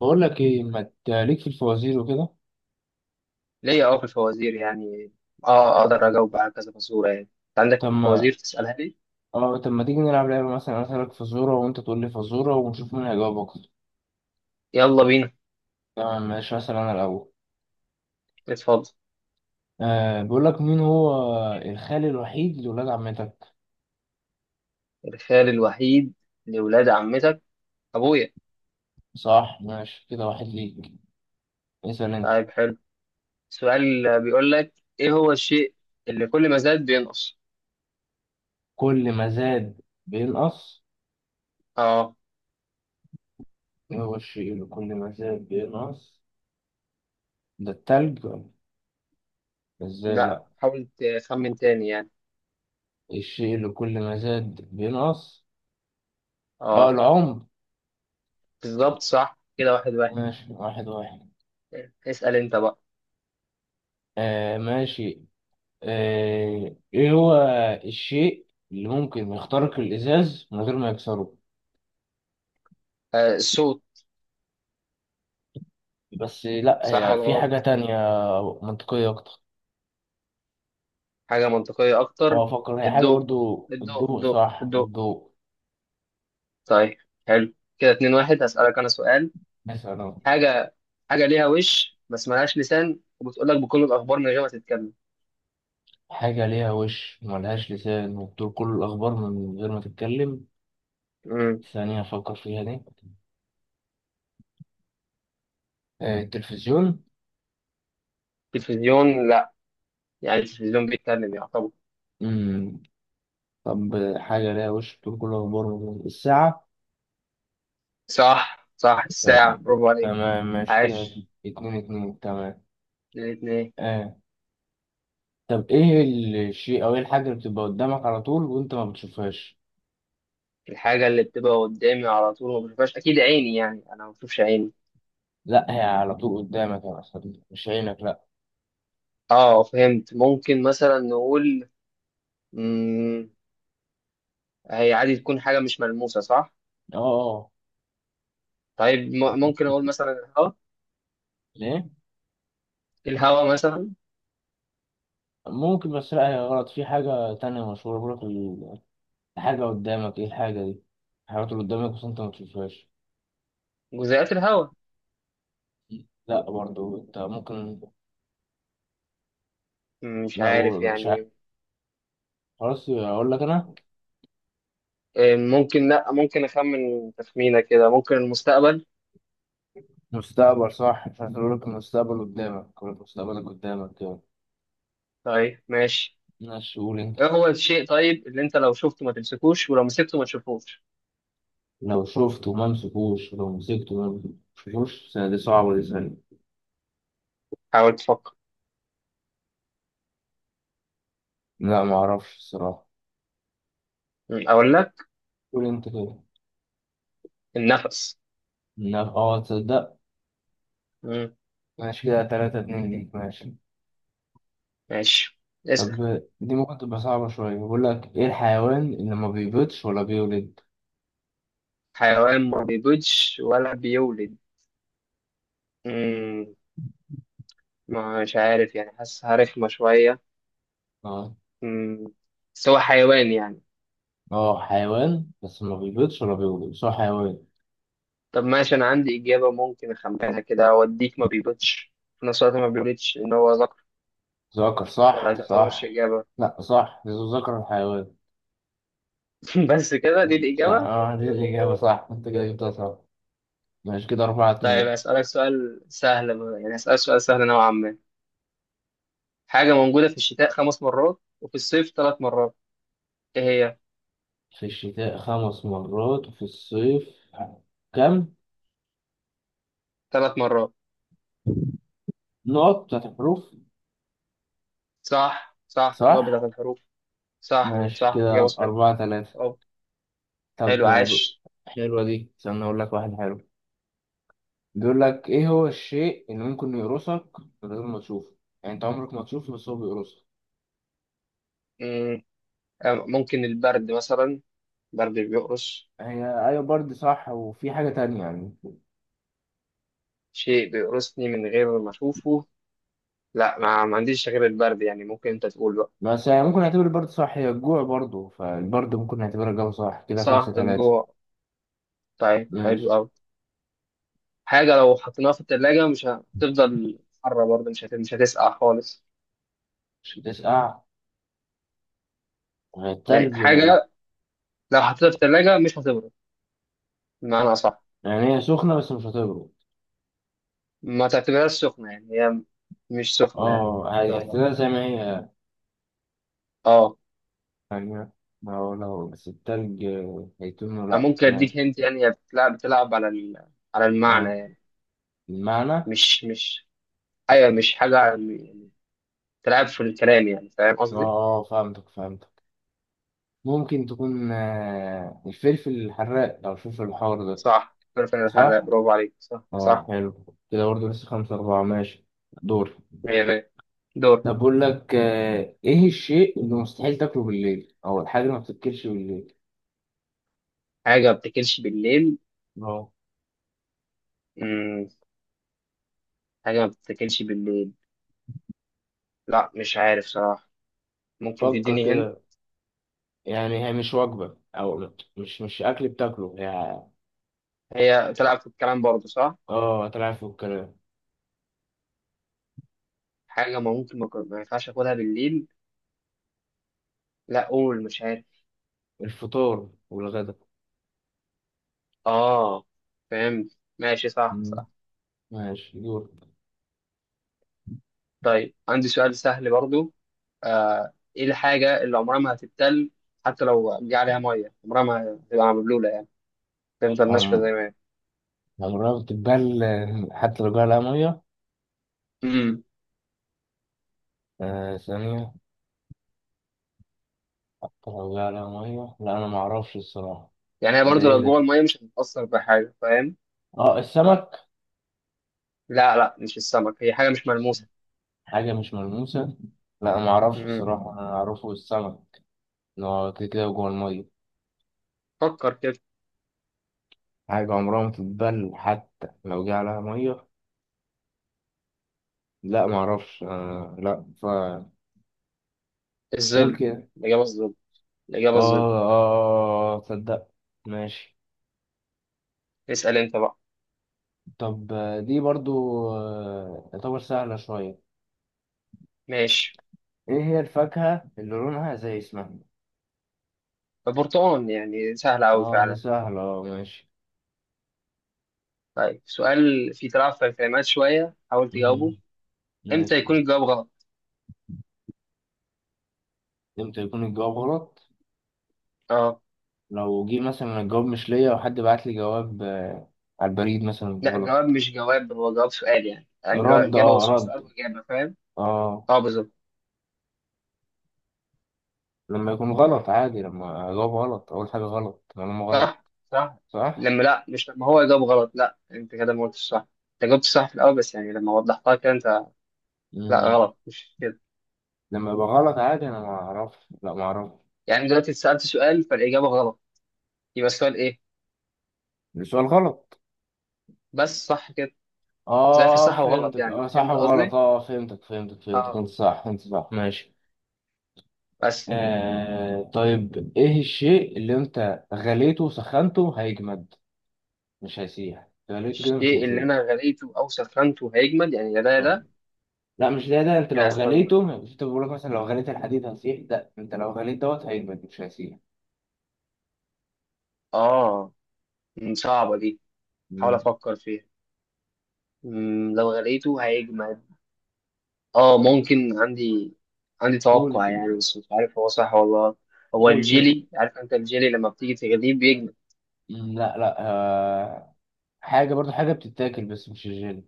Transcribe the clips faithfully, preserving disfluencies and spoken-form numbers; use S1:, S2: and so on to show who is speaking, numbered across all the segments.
S1: بقول لك ايه ما تليك في الفوازير وكده.
S2: ليا، اه في الفوازير يعني. اه اقدر اجاوب على كذا فزوره. يعني انت عندك
S1: طب ما
S2: فوازير تسالها لي؟
S1: اه طب ما تيجي نلعب لعبه مثلا، انا اسالك فزوره وانت تقول لي فزوره ونشوف مين هيجاوب اكتر.
S2: يلا بينا.
S1: تمام، ماشي، اسال انا الاول.
S2: اتفضل.
S1: آه بقول لك، مين هو الخال الوحيد لولاد عمتك؟
S2: الخال الوحيد لولاد عمتك، ابويا.
S1: صح، ماشي كده، واحد ليك. اسال انت.
S2: طيب حلو. سؤال بيقول لك، ايه هو الشيء اللي كل ما زاد بينقص؟
S1: كل ما زاد بينقص،
S2: اه.
S1: ايه هو الشيء اللي كل ما زاد بينقص؟ ده التلج ولا؟ ازاي؟
S2: لا
S1: لا.
S2: حاول تخمن تاني يعني.
S1: الشيء اللي كل ما زاد بينقص. اه،
S2: اه،
S1: العمر.
S2: بالظبط، صح كده، واحد واحد.
S1: ماشي، واحد واحد.
S2: اسال انت بقى.
S1: آه، ماشي. آه، ايه هو الشيء اللي ممكن يخترق الازاز من غير ما يكسره؟
S2: آه، الصوت.
S1: بس لا،
S2: صح
S1: هي
S2: ولا
S1: في حاجة
S2: غلط؟
S1: تانية منطقية اكتر.
S2: حاجه منطقيه اكتر.
S1: هو افكر، هي حاجة
S2: الضوء
S1: برضو،
S2: الضوء
S1: الضوء،
S2: الضوء
S1: صح
S2: الضوء
S1: الضوء.
S2: طيب حلو كده، اتنين واحد. هسألك أنا سؤال.
S1: مثلا.
S2: حاجة حاجة ليها وش بس ملهاش لسان، وبتقول لك بكل الأخبار من غير ما تتكلم.
S1: حاجة ليها وش وملهاش لسان وبتقول كل الاخبار من غير ما تتكلم.
S2: امم
S1: ثانية افكر فيها دي. آه، التلفزيون.
S2: تلفزيون لا. يعني التلفزيون بيتكلم يعتبر.
S1: مم. طب، حاجة ليها وش بتقول كل الاخبار من غير- الساعة.
S2: صح صح،
S1: آه،
S2: الساعة، برافو عليك.
S1: تمام ماشي كده.
S2: عاش.
S1: اتنين اتنين، تمام.
S2: اتنين اتنين.
S1: آه، طب ايه الشيء او ايه الحاجة اللي بتبقى قدامك على طول وانت ما بتشوفهاش؟
S2: الحاجة اللي بتبقى قدامي على طول ما بشوفهاش أكيد عيني، يعني أنا ما بشوفش عيني.
S1: لا، هي على طول قدامك يا أسطى، مش عينك لا.
S2: اه فهمت، ممكن مثلا نقول مم. هي عادي تكون حاجة مش ملموسة، صح؟
S1: اه، اه.
S2: طيب م- ممكن أقول مثلا الهواء.
S1: ليه؟
S2: الهواء مثلا.
S1: ممكن بس لا، هي غلط، في حاجة تانية مشهورة بيقولك ال- الحاجة قدامك، ايه الحاجة دي؟ الحاجات اللي قدامك بس انت ما بتشوفهاش.
S2: جزيئات الهواء.
S1: لا برضو، انت ممكن.
S2: مش
S1: لو
S2: عارف
S1: مش عارف،
S2: يعني.
S1: خلاص اقول لك انا.
S2: آه، ممكن، لا ممكن اخمن تخمينه كده، ممكن المستقبل.
S1: مستقبل، صح، مش عارف اقول لك المستقبل قدامك، اقول لك مستقبلك قدامك كده.
S2: طيب ماشي.
S1: ماشي، قول انت.
S2: ايه هو الشيء طيب اللي انت لو شفته ما تمسكوش، ولو مسكته ما تشوفوش؟
S1: لو شفته ما مسكوش، لو مسكته ما مسكوش، دي صعبة، دي سهلة.
S2: حاول تفكر.
S1: لا، ما اعرفش الصراحه.
S2: مم، اقول لك،
S1: قول انت كده.
S2: النفس.
S1: لا، اه، تصدق.
S2: مم،
S1: ماشي كده، تلاتة اتنين ليك، ماشي.
S2: ماشي. اسأل.
S1: طب، دي ممكن تبقى صعبة شوية، بقول لك ايه الحيوان اللي ما بيبيضش ولا بيولد؟
S2: حيوان ما بيبيضش ولا بيولد. مم، مش عارف يعني، حاسسها رخمة شوية.
S1: اه،
S2: مم، بس هو حيوان يعني.
S1: اه، حيوان، بس ما بيبيضش ولا بيولد، بس هو حيوان.
S2: طب ماشي، انا عندي اجابة. موديك ما بيبيضش في نفس الوقت، ما بيولدش ان هو ذكر.
S1: ذكر،
S2: ولا ما
S1: صح،
S2: تعتبرش
S1: صح.
S2: إجابة؟
S1: لا، صح، ذو ذكر الحيوان.
S2: بس كده دي
S1: صح،
S2: الإجابة.
S1: اه، دي الإجابة، صح انت كده جبتها صح. ماشي كده، أربعة
S2: طيب
S1: اتنين
S2: هسألك سؤال سهل بقى، يعني هسألك سؤال سهل نوعا ما. حاجة موجودة في الشتاء خمس مرات، وفي الصيف ثلاث مرات. إيه هي؟
S1: في الشتاء خمس مرات وفي الصيف كم؟
S2: ثلاث مرات.
S1: نقط بتاعت الحروف.
S2: صح صح، النوع بتاعت
S1: صح.
S2: الحروف. صح
S1: ماشي
S2: صح، إجابة
S1: كده،
S2: صحيحة.
S1: أربعة تلاتة.
S2: أه.
S1: طب،
S2: حلو، عاش.
S1: حلوة دي، استنى أقول لك واحد حلو. بيقول لك، إيه هو الشيء اللي ممكن يقرصك من غير ما تشوفه؟ يعني أنت عمرك ما تشوفه بس هو بيقرصك.
S2: مم، أم- ممكن البرد مثلا. برد بيقرص.
S1: هي أيوة، برد صح، وفي حاجة تانية يعني.
S2: شيء بيقرصني من غير ما أشوفه. لا، ما ما عنديش غير البرد، يعني ممكن أنت تقول بقى.
S1: بس يعني ممكن نعتبر البرد صح، هي الجوع، برضه فالبرد ممكن نعتبرها الجو، صح كده، خمسة
S2: صح،
S1: تلاتة
S2: الجوع. طيب
S1: ماشي،
S2: حلو أوي. حاجة لو حطيناها في التلاجة مش هتفضل حرة، برضه مش هت... مش هتسقع خالص.
S1: مش هتسقع. وهي
S2: يعني
S1: التلج
S2: حاجة
S1: يعني.
S2: لو حطيتها في التلاجة مش هتبرد، بمعنى أصح.
S1: يعني هي سخنة بس مش هتبرد.
S2: ما تعتبرهاش سخنة، يعني هي مش سخنة يعني.
S1: اه، عادي هتبقى زي ما هي
S2: اه.
S1: يعني، ما هو لو بس التلج هيتونه،
S2: أنا
S1: لأ
S2: ممكن
S1: ماشي.
S2: أديك هنت، يعني هي بتلعب بتلعب على ال... على
S1: اه،
S2: المعنى يعني.
S1: المعنى.
S2: مش مش أيوة، مش حاجة يعني، بتلعب في الكلام، يعني فاهم
S1: اه،
S2: قصدي؟
S1: آه، فهمتك فهمتك. ممكن تكون آه، الفلفل الحراق أو الفلفل الحار ده.
S2: صح، كرة الحراق،
S1: صح؟
S2: برافو عليك، صح
S1: اه،
S2: صح.
S1: حلو. كده برضه، لسه خمسة أربعة، ماشي. دور.
S2: مية مية. دور.
S1: طب، بقول لك آه، إيه الشيء اللي مستحيل تاكله بالليل أو الحاجة اللي ما بتتاكلش بالليل؟
S2: حاجة ما بتاكلش بالليل.
S1: اه،
S2: مم. حاجة ما بتاكلش بالليل. لا مش عارف صراحة. ممكن
S1: فكر
S2: تديني هند.
S1: كده. يعني هي مش وجبة أو مش مش أكل بتاكله هي.
S2: هي تلعب في الكلام برضه، صح؟
S1: اه، طلع فوق الكلام.
S2: حاجة ما ممكن ما كن- ما ينفعش اخدها بالليل. لا قول، مش عارف.
S1: الفطار والغدا.
S2: اه فهمت ماشي، صح
S1: مم.
S2: صح.
S1: ماشي، دور.
S2: طيب عندي سؤال سهل برضه. آه، ايه الحاجة اللي عمرها ما هتتبل، حتى لو جه عليها مية عمرها ما هتبقى مبلولة يعني، تفضل ناشفة
S1: عم
S2: زي ما هي.
S1: عمرها بتتبل، آه، حتى لو جاها لها مية.
S2: امم
S1: آه ثانية. حتى لو جاها لها مية، لا، أنا معرفش الصراحة.
S2: يعني هي
S1: ده
S2: برضه
S1: إيه
S2: لو جوه
S1: ده؟
S2: المية مش هتتأثر بحاجة، فاهم؟
S1: آه السمك.
S2: لا لا، مش السمك، هي حاجة مش ملموسة.
S1: حاجة مش ملموسة. لا، أنا معرفش
S2: امم
S1: الصراحة، أنا أعرفه السمك إن هو كده كده جوه المية.
S2: فكر كده.
S1: حاجة عمرها ما بتتبل حتى لو جه عليها مية. لا معرفش، آه لا، فقول
S2: الظل.
S1: كده.
S2: الإجابة الظل.
S1: آه،
S2: الإجابة الظل.
S1: آه، آه، آه، آه، تصدق. ماشي.
S2: اسأل انت بقى.
S1: طب، آه، دي برضو آه، يعتبر سهلة شوية.
S2: ماشي.
S1: ايه هي الفاكهة اللي لونها زي اسمها؟
S2: البرتقال، يعني سهل أوي
S1: اه، دي
S2: فعلا.
S1: سهلة، اه، ماشي.
S2: طيب سؤال فيه تلعب في الكلمات شوية، حاول
S1: مم.
S2: تجاوبه. امتى
S1: ماشي.
S2: يكون الجواب غلط؟
S1: امتى يكون الجواب غلط؟
S2: اه.
S1: لو جه مثلا الجواب مش ليا، وحد بعت لي جواب آه، على البريد مثلا
S2: لا، جواب
S1: غلط.
S2: مش جواب، هو جواب سؤال، يعني يعني اللي هو
S1: رد اه
S2: إجابة وسؤال،
S1: رد
S2: سؤال وإجابة، فاهم؟
S1: اه.
S2: اه بالظبط.
S1: لما يكون غلط عادي، لما اجاوب غلط، اقول حاجة غلط، معلومة غلط.
S2: صح صح.
S1: صح.
S2: لما لا مش لما هو يجاوب غلط، لا انت كده ما قلتش صح. انت جاوبت صح في الأول، بس يعني لما وضحتها كده انت. لا
S1: مم.
S2: غلط مش كده.
S1: لما يبقى غلط عادي، انا ما اعرفش، لا ما اعرفش.
S2: يعني دلوقتي سألت سؤال فالإجابة غلط، يبقى السؤال ايه؟
S1: السؤال غلط.
S2: بس صح كده.
S1: اه،
S2: زي في
S1: آه،
S2: صح وغلط،
S1: فهمتك،
S2: يعني
S1: اه، صح
S2: فهمت
S1: وغلط،
S2: قصدي؟
S1: اه، آه، فهمتك فهمتك فهمتك،
S2: اه
S1: انت صح، انت صح، ماشي.
S2: بس.
S1: آه طيب، ايه الشيء اللي انت غليته وسخنته هيجمد؟ مش هيسيح، غليته كده مش
S2: الشيء اللي
S1: هيسيح.
S2: أنا غليته أو سخنته هيجمد، يعني يا ده يا
S1: اه،
S2: ده.
S1: لا مش ده. ده انت لو
S2: لا استنى.
S1: غليته مش، انت بقول لك مثلا لو غليت الحديد هيسيح، ده انت لو غليت دوت هيجمد مش هيسيح.
S2: آه. مم، صعبة دي. حاول
S1: مم.
S2: أفكر فيها. مم، لو غليته هيجمد. آه ممكن عندي عندي
S1: قول
S2: توقع
S1: كده.
S2: يعني، بس مش عارف هو صح ولا غلط. هو
S1: قول كده.
S2: الجيلي، عارف أنت الجيلي لما بتيجي تغليه بيجمد.
S1: مم، لا لا آه حاجة برضو حاجة بتتاكل بس مش الجيلي.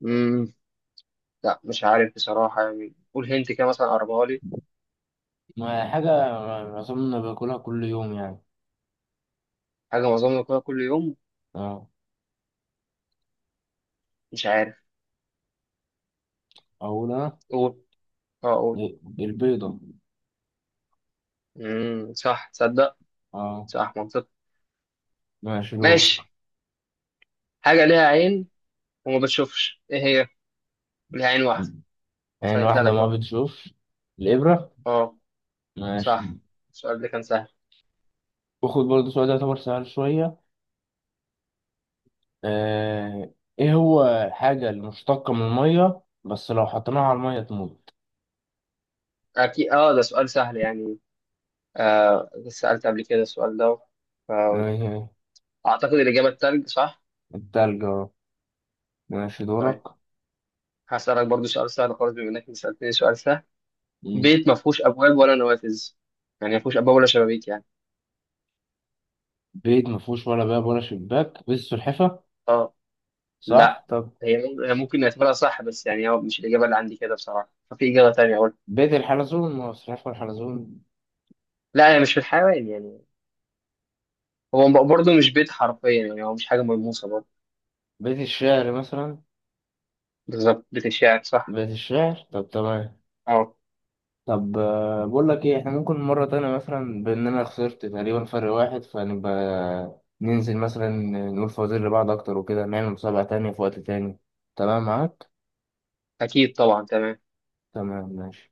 S2: مم. لا مش عارف بصراحة، يعني قول هنت كده مثلا، قربها لي.
S1: ما هي حاجة أظن باكلها كل يوم يعني.
S2: حاجة معظمنا كلها كل يوم.
S1: اه.
S2: مش عارف.
S1: أقول أنا.
S2: قول. اه قول.
S1: البيضة.
S2: مم. صح تصدق.
S1: اه.
S2: صح، منطق.
S1: ماشي دورك.
S2: ماشي. حاجة ليها عين وما بتشوفش، ايه هي؟ ليه عين واحدة.
S1: يعني
S2: سهلتها
S1: واحدة
S2: لك
S1: ما
S2: اهو.
S1: بتشوف. الإبرة.
S2: اه.
S1: ماشي.
S2: صح. السؤال ده كان سهل.
S1: وخد برضه سؤال، ده يعتبر سهل شوية. آه. إيه هو الحاجة اللي مشتقة من المية بس لو حطيناها على المية تموت؟
S2: اكيد اه، ده سؤال سهل يعني. آه سألت قبل كده السؤال ده، فأعتقد
S1: آه.
S2: الإجابة التلج، صح؟
S1: التلج، اه. ماشي دورك.
S2: طيب هسألك برضو سؤال سهل خالص، بما إنك سألتني سؤال سهل.
S1: مم.
S2: بيت ما فيهوش أبواب ولا نوافذ، يعني ما فيهوش أبواب ولا شبابيك يعني.
S1: بيت مفهوش ولا باب ولا شباك، بيت سلحفة.
S2: اه. لا
S1: صح طب.
S2: هي مم- هي ممكن نعتبرها صح، بس يعني هو مش الإجابة اللي عندي كده بصراحة، ففي إجابة تانية أقول.
S1: بيت الحلزون، ما هو سلحفة الحلزون.
S2: لا هي مش في الحيوان يعني، هو برضو مش بيت حرفيا يعني، هو مش حاجة ملموسة برضه.
S1: بيت الشعر مثلا.
S2: بالظبط، بتشاعر، صح.
S1: بيت الشعر، طب تمام.
S2: اه
S1: طب، آه، بقول لك ايه، احنا ممكن مرة تانية مثلا، بان انا خسرت تقريبا فرق واحد، فنبقى ننزل مثلا، نقول فوازير لبعض اكتر وكده، نعمل مسابقة تانية في وقت تاني. تمام معاك.
S2: أكيد طبعا تمام.
S1: تمام ماشي